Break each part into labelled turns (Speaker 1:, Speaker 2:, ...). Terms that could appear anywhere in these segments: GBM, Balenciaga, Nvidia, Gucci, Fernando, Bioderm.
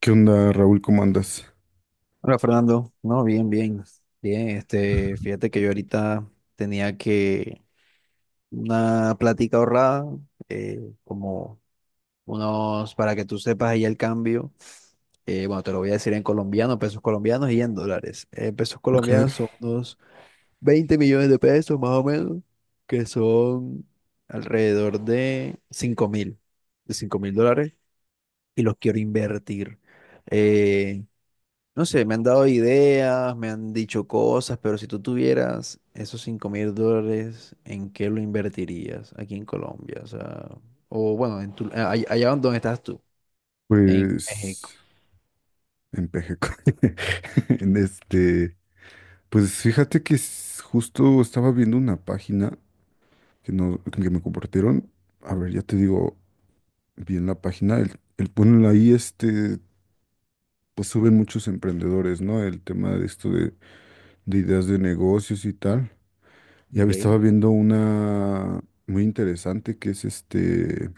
Speaker 1: ¿Qué onda, Raúl? ¿Cómo andas?
Speaker 2: Hola Fernando, no, bien, bien, bien, fíjate que yo ahorita tenía que una plática ahorrada, como unos, para que tú sepas ahí el cambio, bueno, te lo voy a decir en colombiano, pesos colombianos y en dólares. Pesos
Speaker 1: Okay.
Speaker 2: colombianos son unos 20 millones de pesos más o menos, que son alrededor de 5 mil dólares, y los quiero invertir. Eh, no sé, me han dado ideas, me han dicho cosas, pero si tú tuvieras esos 5 mil dólares, ¿en qué lo invertirías aquí en Colombia? O sea, o bueno, allá donde estás tú, en México.
Speaker 1: Pues en Pejeco. En este, pues fíjate que justo estaba viendo una página que no, que me compartieron. A ver, ya te digo bien la página. El, bueno, ahí, pues suben muchos emprendedores, ¿no? El tema de esto de, ideas de negocios y tal.
Speaker 2: Ok,
Speaker 1: Estaba viendo una muy interesante que es este.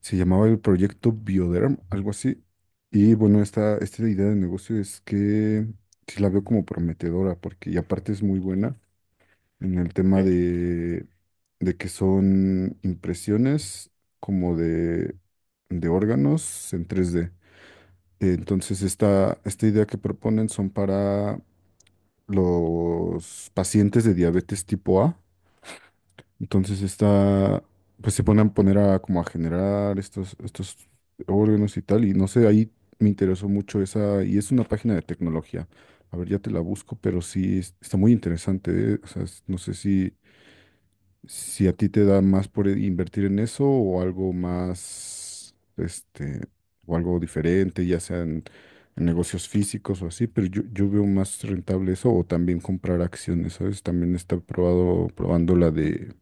Speaker 1: Se llamaba el proyecto Bioderm, algo así. Y bueno, esta idea de negocio es que sí la veo como prometedora, porque y aparte es muy buena en el tema
Speaker 2: ok.
Speaker 1: de, que son impresiones como de órganos en 3D. Entonces, esta idea que proponen son para los pacientes de diabetes tipo A, entonces está, pues se ponen a poner a como a generar estos órganos y tal, y no sé, ahí me interesó mucho esa, y es una página de tecnología. A ver, ya te la busco, pero está muy interesante, ¿eh? O sea, no sé si, a ti te da más por invertir en eso o algo más, este, o algo diferente, ya sea en negocios físicos o así, pero yo veo más rentable eso o también comprar acciones, ¿sabes? También está probado, probando la de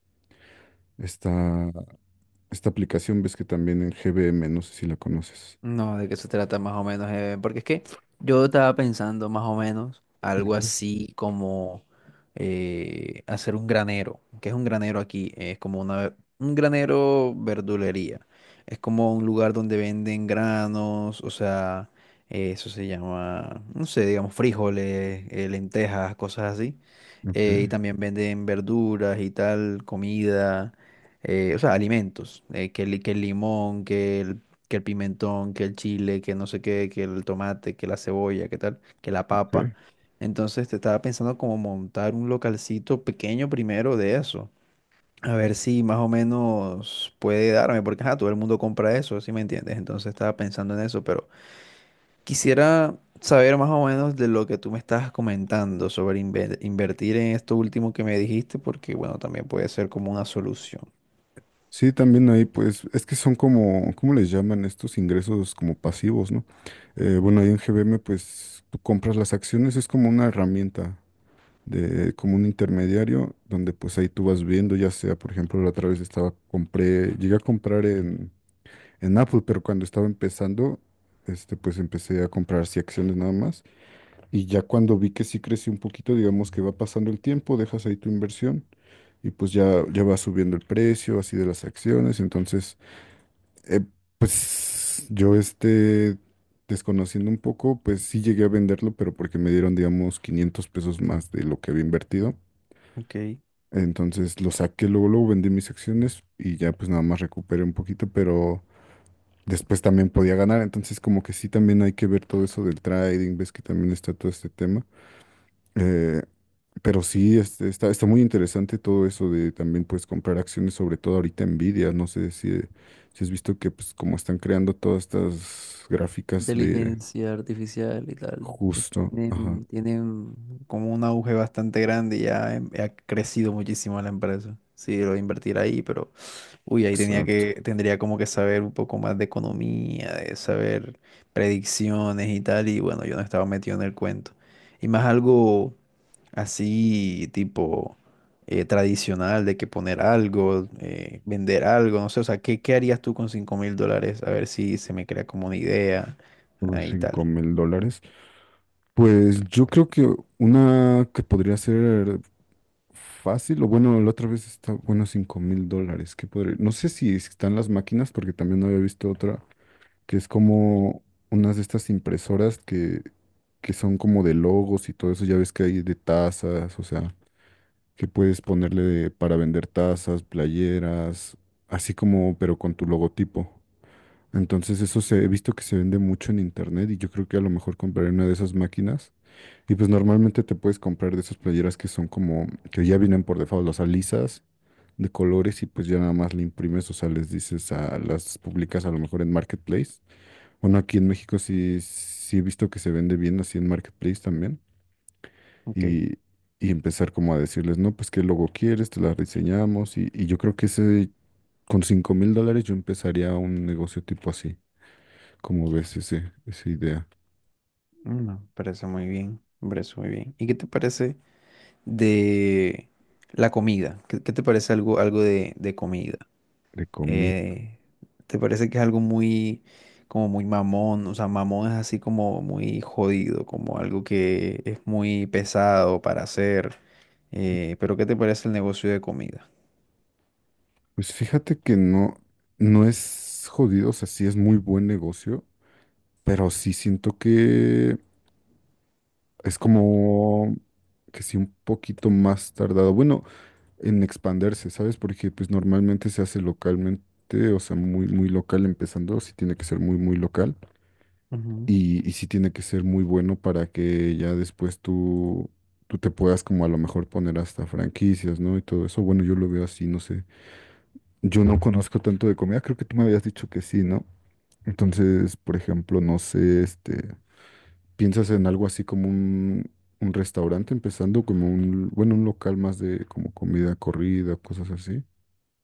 Speaker 1: esta, esta aplicación, ves que también en GBM, no sé si la conoces.
Speaker 2: No, de qué se trata más o menos, porque es que yo estaba pensando más o menos algo
Speaker 1: Ujú.
Speaker 2: así como hacer un granero. ¿Qué es un granero aquí? Es como un granero verdulería. Es como un lugar donde venden granos, o sea, eso se llama, no sé, digamos, frijoles, lentejas, cosas así.
Speaker 1: Ok,
Speaker 2: Y también venden verduras y tal, comida o sea, alimentos, que el limón, que el pimentón, que el chile, que no sé qué, que el tomate, que la cebolla, que tal, que la papa.
Speaker 1: ok.
Speaker 2: Entonces te estaba pensando como montar un localcito pequeño primero de eso. A ver si más o menos puede darme, porque ajá, todo el mundo compra eso, ¿sí me entiendes? Entonces estaba pensando en eso, pero quisiera saber más o menos de lo que tú me estabas comentando sobre invertir en esto último que me dijiste, porque bueno, también puede ser como una solución.
Speaker 1: Sí, también ahí pues es que son como, ¿cómo les llaman estos ingresos como pasivos, ¿no? Bueno, ahí en GBM pues tú compras las acciones, es como una herramienta de como un intermediario donde pues ahí tú vas viendo, ya sea, por ejemplo, la otra vez estaba, compré, llegué a comprar en, Apple, pero cuando estaba empezando, este pues empecé a comprar sí acciones nada más. Y ya cuando vi que sí creció un poquito, digamos que va pasando el tiempo, dejas ahí tu inversión y pues ya va subiendo el precio así de las acciones. Entonces, eh, pues yo este, desconociendo un poco, pues sí llegué a venderlo, pero porque me dieron, digamos, 500 pesos más de lo que había invertido.
Speaker 2: Ok.
Speaker 1: Entonces lo saqué, luego, luego vendí mis acciones y ya pues nada más recuperé un poquito, pero después también podía ganar. Entonces como que sí también hay que ver todo eso del trading, ves que también está todo este tema. Eh, Pero sí, este, está muy interesante todo eso de también pues comprar acciones, sobre todo ahorita Nvidia. No sé si, si has visto que pues como están creando todas estas gráficas de
Speaker 2: Inteligencia artificial y tal,
Speaker 1: justo, ajá,
Speaker 2: tienen como un auge bastante grande y ya ha crecido muchísimo la empresa. Sí, lo voy a invertir ahí, pero uy,
Speaker 1: exacto,
Speaker 2: tendría como que saber un poco más de economía, de saber predicciones y tal, y bueno, yo no estaba metido en el cuento. Y más algo así tipo tradicional de que poner algo, vender algo, no sé, o sea, ¿qué harías tú con 5 mil dólares? A ver si se me crea como una idea
Speaker 1: unos
Speaker 2: ahí y
Speaker 1: 5
Speaker 2: tal.
Speaker 1: mil dólares. Pues yo creo que una que podría ser fácil, o bueno, la otra vez está, bueno, 5 mil dólares, que podría, no sé si están las máquinas, porque también no había visto otra. Que es como unas de estas impresoras que, son como de logos y todo eso, ya ves que hay de tazas, o sea, que puedes ponerle para vender tazas, playeras, así como, pero con tu logotipo. Entonces eso se, he visto que se vende mucho en internet y yo creo que a lo mejor compraré una de esas máquinas. Y pues normalmente te puedes comprar de esas playeras que son como, que ya vienen por default, las alisas de colores y pues ya nada más le imprimes, o sea, les dices a las publicas a lo mejor en Marketplace. Bueno, aquí en México sí, sí he visto que se vende bien así en Marketplace también.
Speaker 2: Ok.
Speaker 1: Y, y empezar como a decirles, no, pues qué logo quieres, te la diseñamos. Y yo creo que ese, con 5,000 dólares yo empezaría un negocio tipo así. Como ves ese, esa idea
Speaker 2: Mm, me parece muy bien, me parece muy bien. ¿Y qué te parece de la comida? ¿Qué te parece algo, algo de comida?
Speaker 1: de comida?
Speaker 2: Eh, ¿Te parece que es algo muy, como muy mamón? O sea, mamón es así como muy jodido, como algo que es muy pesado para hacer. Pero ¿qué te parece el negocio de comida?
Speaker 1: Pues fíjate que no, no es jodido, o sea, sí es muy buen negocio, pero sí siento que es como que sí un poquito más tardado. Bueno, en expandirse, ¿sabes? Porque pues normalmente se hace localmente, o sea, muy, muy local empezando, sí tiene que ser muy, muy local y sí tiene que ser muy bueno para que ya después tú te puedas como a lo mejor poner hasta franquicias, ¿no? Y todo eso, bueno, yo lo veo así, no sé. Yo no conozco tanto de comida, creo que tú me habías dicho que sí, ¿no? Entonces, por ejemplo, no sé, este, ¿piensas en algo así como un... un restaurante empezando como un, bueno, un local más de como comida corrida, cosas así?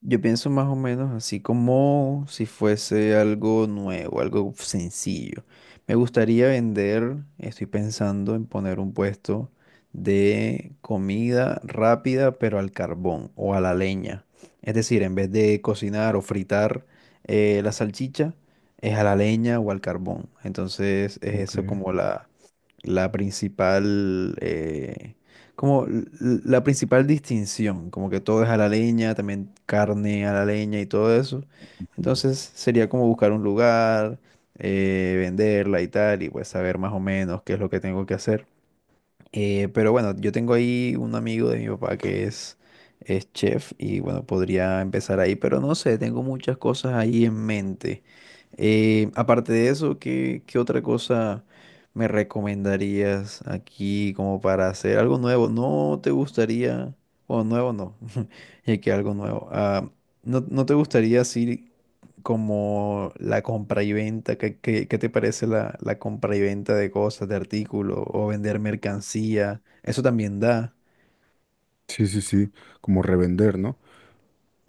Speaker 2: Yo pienso más o menos así como si fuese algo nuevo, algo sencillo. Me gustaría vender, estoy pensando en poner un puesto de comida rápida, pero al carbón o a la leña. Es decir, en vez de cocinar o fritar la salchicha, es a la leña o al carbón. Entonces es
Speaker 1: Ok.
Speaker 2: eso como la principal, como l- la principal distinción, como que todo es a la leña, también carne a la leña y todo eso. Entonces sería como buscar un lugar, venderla y tal, y pues saber más o menos qué es lo que tengo que hacer. Pero bueno, yo tengo ahí un amigo de mi papá es chef y bueno, podría empezar ahí, pero no sé, tengo muchas cosas ahí en mente. Aparte de eso, ¿qué otra cosa me recomendarías aquí como para hacer algo nuevo? ¿No te gustaría, o nuevo no, ya que algo nuevo, ah, ¿no, no te gustaría así? Como la compra y venta, ¿qué te parece la compra y venta de cosas, de artículos o vender mercancía? Eso también da.
Speaker 1: Sí, sí, sí, como revender, ¿no?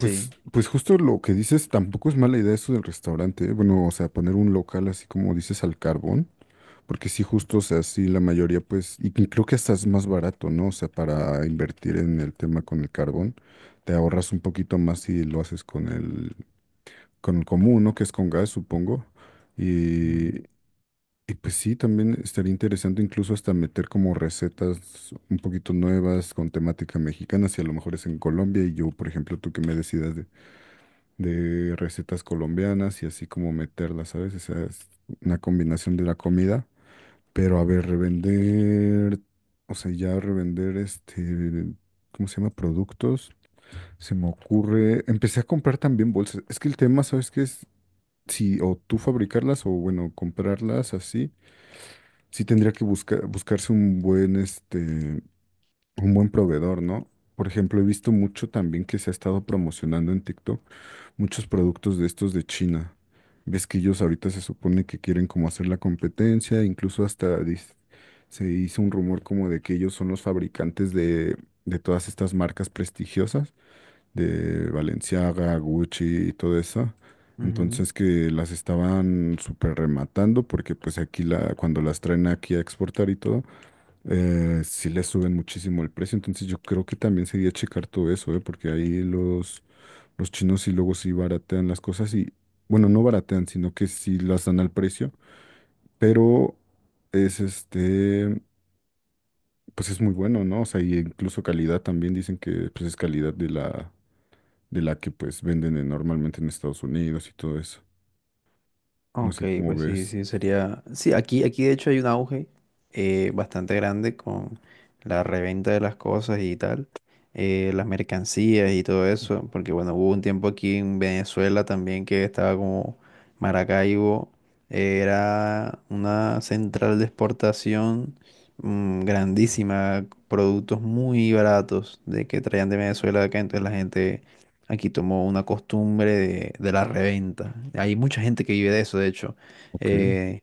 Speaker 2: Sí.
Speaker 1: pues justo lo que dices, tampoco es mala idea eso del restaurante, ¿eh? Bueno, o sea, poner un local así como dices al carbón, porque sí, justo, o sea, sí, la mayoría, pues, y que creo que hasta es más barato, ¿no? O sea, para invertir en el tema con el carbón, te ahorras un poquito más si lo haces con el, común, ¿no? Que es con gas, supongo.
Speaker 2: Ujú,
Speaker 1: Y pues sí, también estaría interesante incluso hasta meter como recetas un poquito nuevas con temática mexicana, si a lo mejor es en Colombia y yo, por ejemplo, tú que me decidas de recetas colombianas y así como meterlas, ¿sabes? O sea, es una combinación de la comida, pero a ver, revender, o sea, ya revender este, ¿cómo se llama? Productos. Se me ocurre, empecé a comprar también bolsas. Es que el tema, ¿sabes qué es? Si o tú fabricarlas o bueno, comprarlas así, sí tendría que buscar, buscarse un buen, este, un buen proveedor, ¿no? Por ejemplo, he visto mucho también que se ha estado promocionando en TikTok muchos productos de estos de China. Ves que ellos ahorita se supone que quieren como hacer la competencia, incluso hasta se hizo un rumor como de que ellos son los fabricantes de, todas estas marcas prestigiosas de Balenciaga, Gucci y todo eso.
Speaker 2: ujú.
Speaker 1: Entonces que las estaban súper rematando porque pues aquí la, cuando las traen aquí a exportar y todo, sí les suben muchísimo el precio. Entonces yo creo que también sería checar todo eso, ¿eh? Porque ahí los, chinos sí luego sí baratean las cosas y, bueno, no baratean, sino que sí las dan al precio, pero es este, pues es muy bueno, ¿no? O sea, y incluso calidad también dicen que pues es calidad de la que pues venden normalmente en Estados Unidos y todo eso. No
Speaker 2: Ok,
Speaker 1: sé cómo ves.
Speaker 2: sería... Sí, aquí de hecho hay un auge bastante grande con la reventa de las cosas y tal, las mercancías y todo eso, porque bueno, hubo un tiempo aquí en Venezuela también que estaba como Maracaibo, era una central de exportación mm, grandísima, productos muy baratos de que traían de Venezuela acá, entonces la gente aquí tomó una costumbre de la reventa. Hay mucha gente que vive de eso, de hecho,
Speaker 1: Ok.
Speaker 2: eh,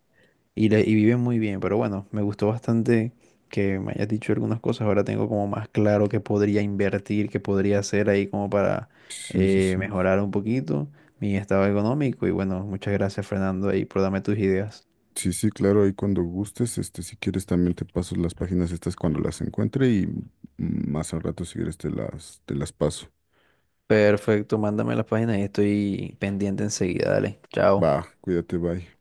Speaker 2: y viven muy bien, pero bueno, me gustó bastante que me hayas dicho algunas cosas. Ahora tengo como más claro qué podría invertir, qué podría hacer ahí como para
Speaker 1: Sí, sí, sí.
Speaker 2: mejorar un poquito mi estado económico. Y bueno, muchas gracias, Fernando, ahí por darme tus ideas.
Speaker 1: Sí, sí, claro, ahí cuando gustes, este, si quieres también te paso las páginas estas cuando las encuentre y más al rato si quieres te las, paso.
Speaker 2: Perfecto, mándame las páginas y estoy pendiente enseguida. Dale, chao.
Speaker 1: Va, cuídate, bye.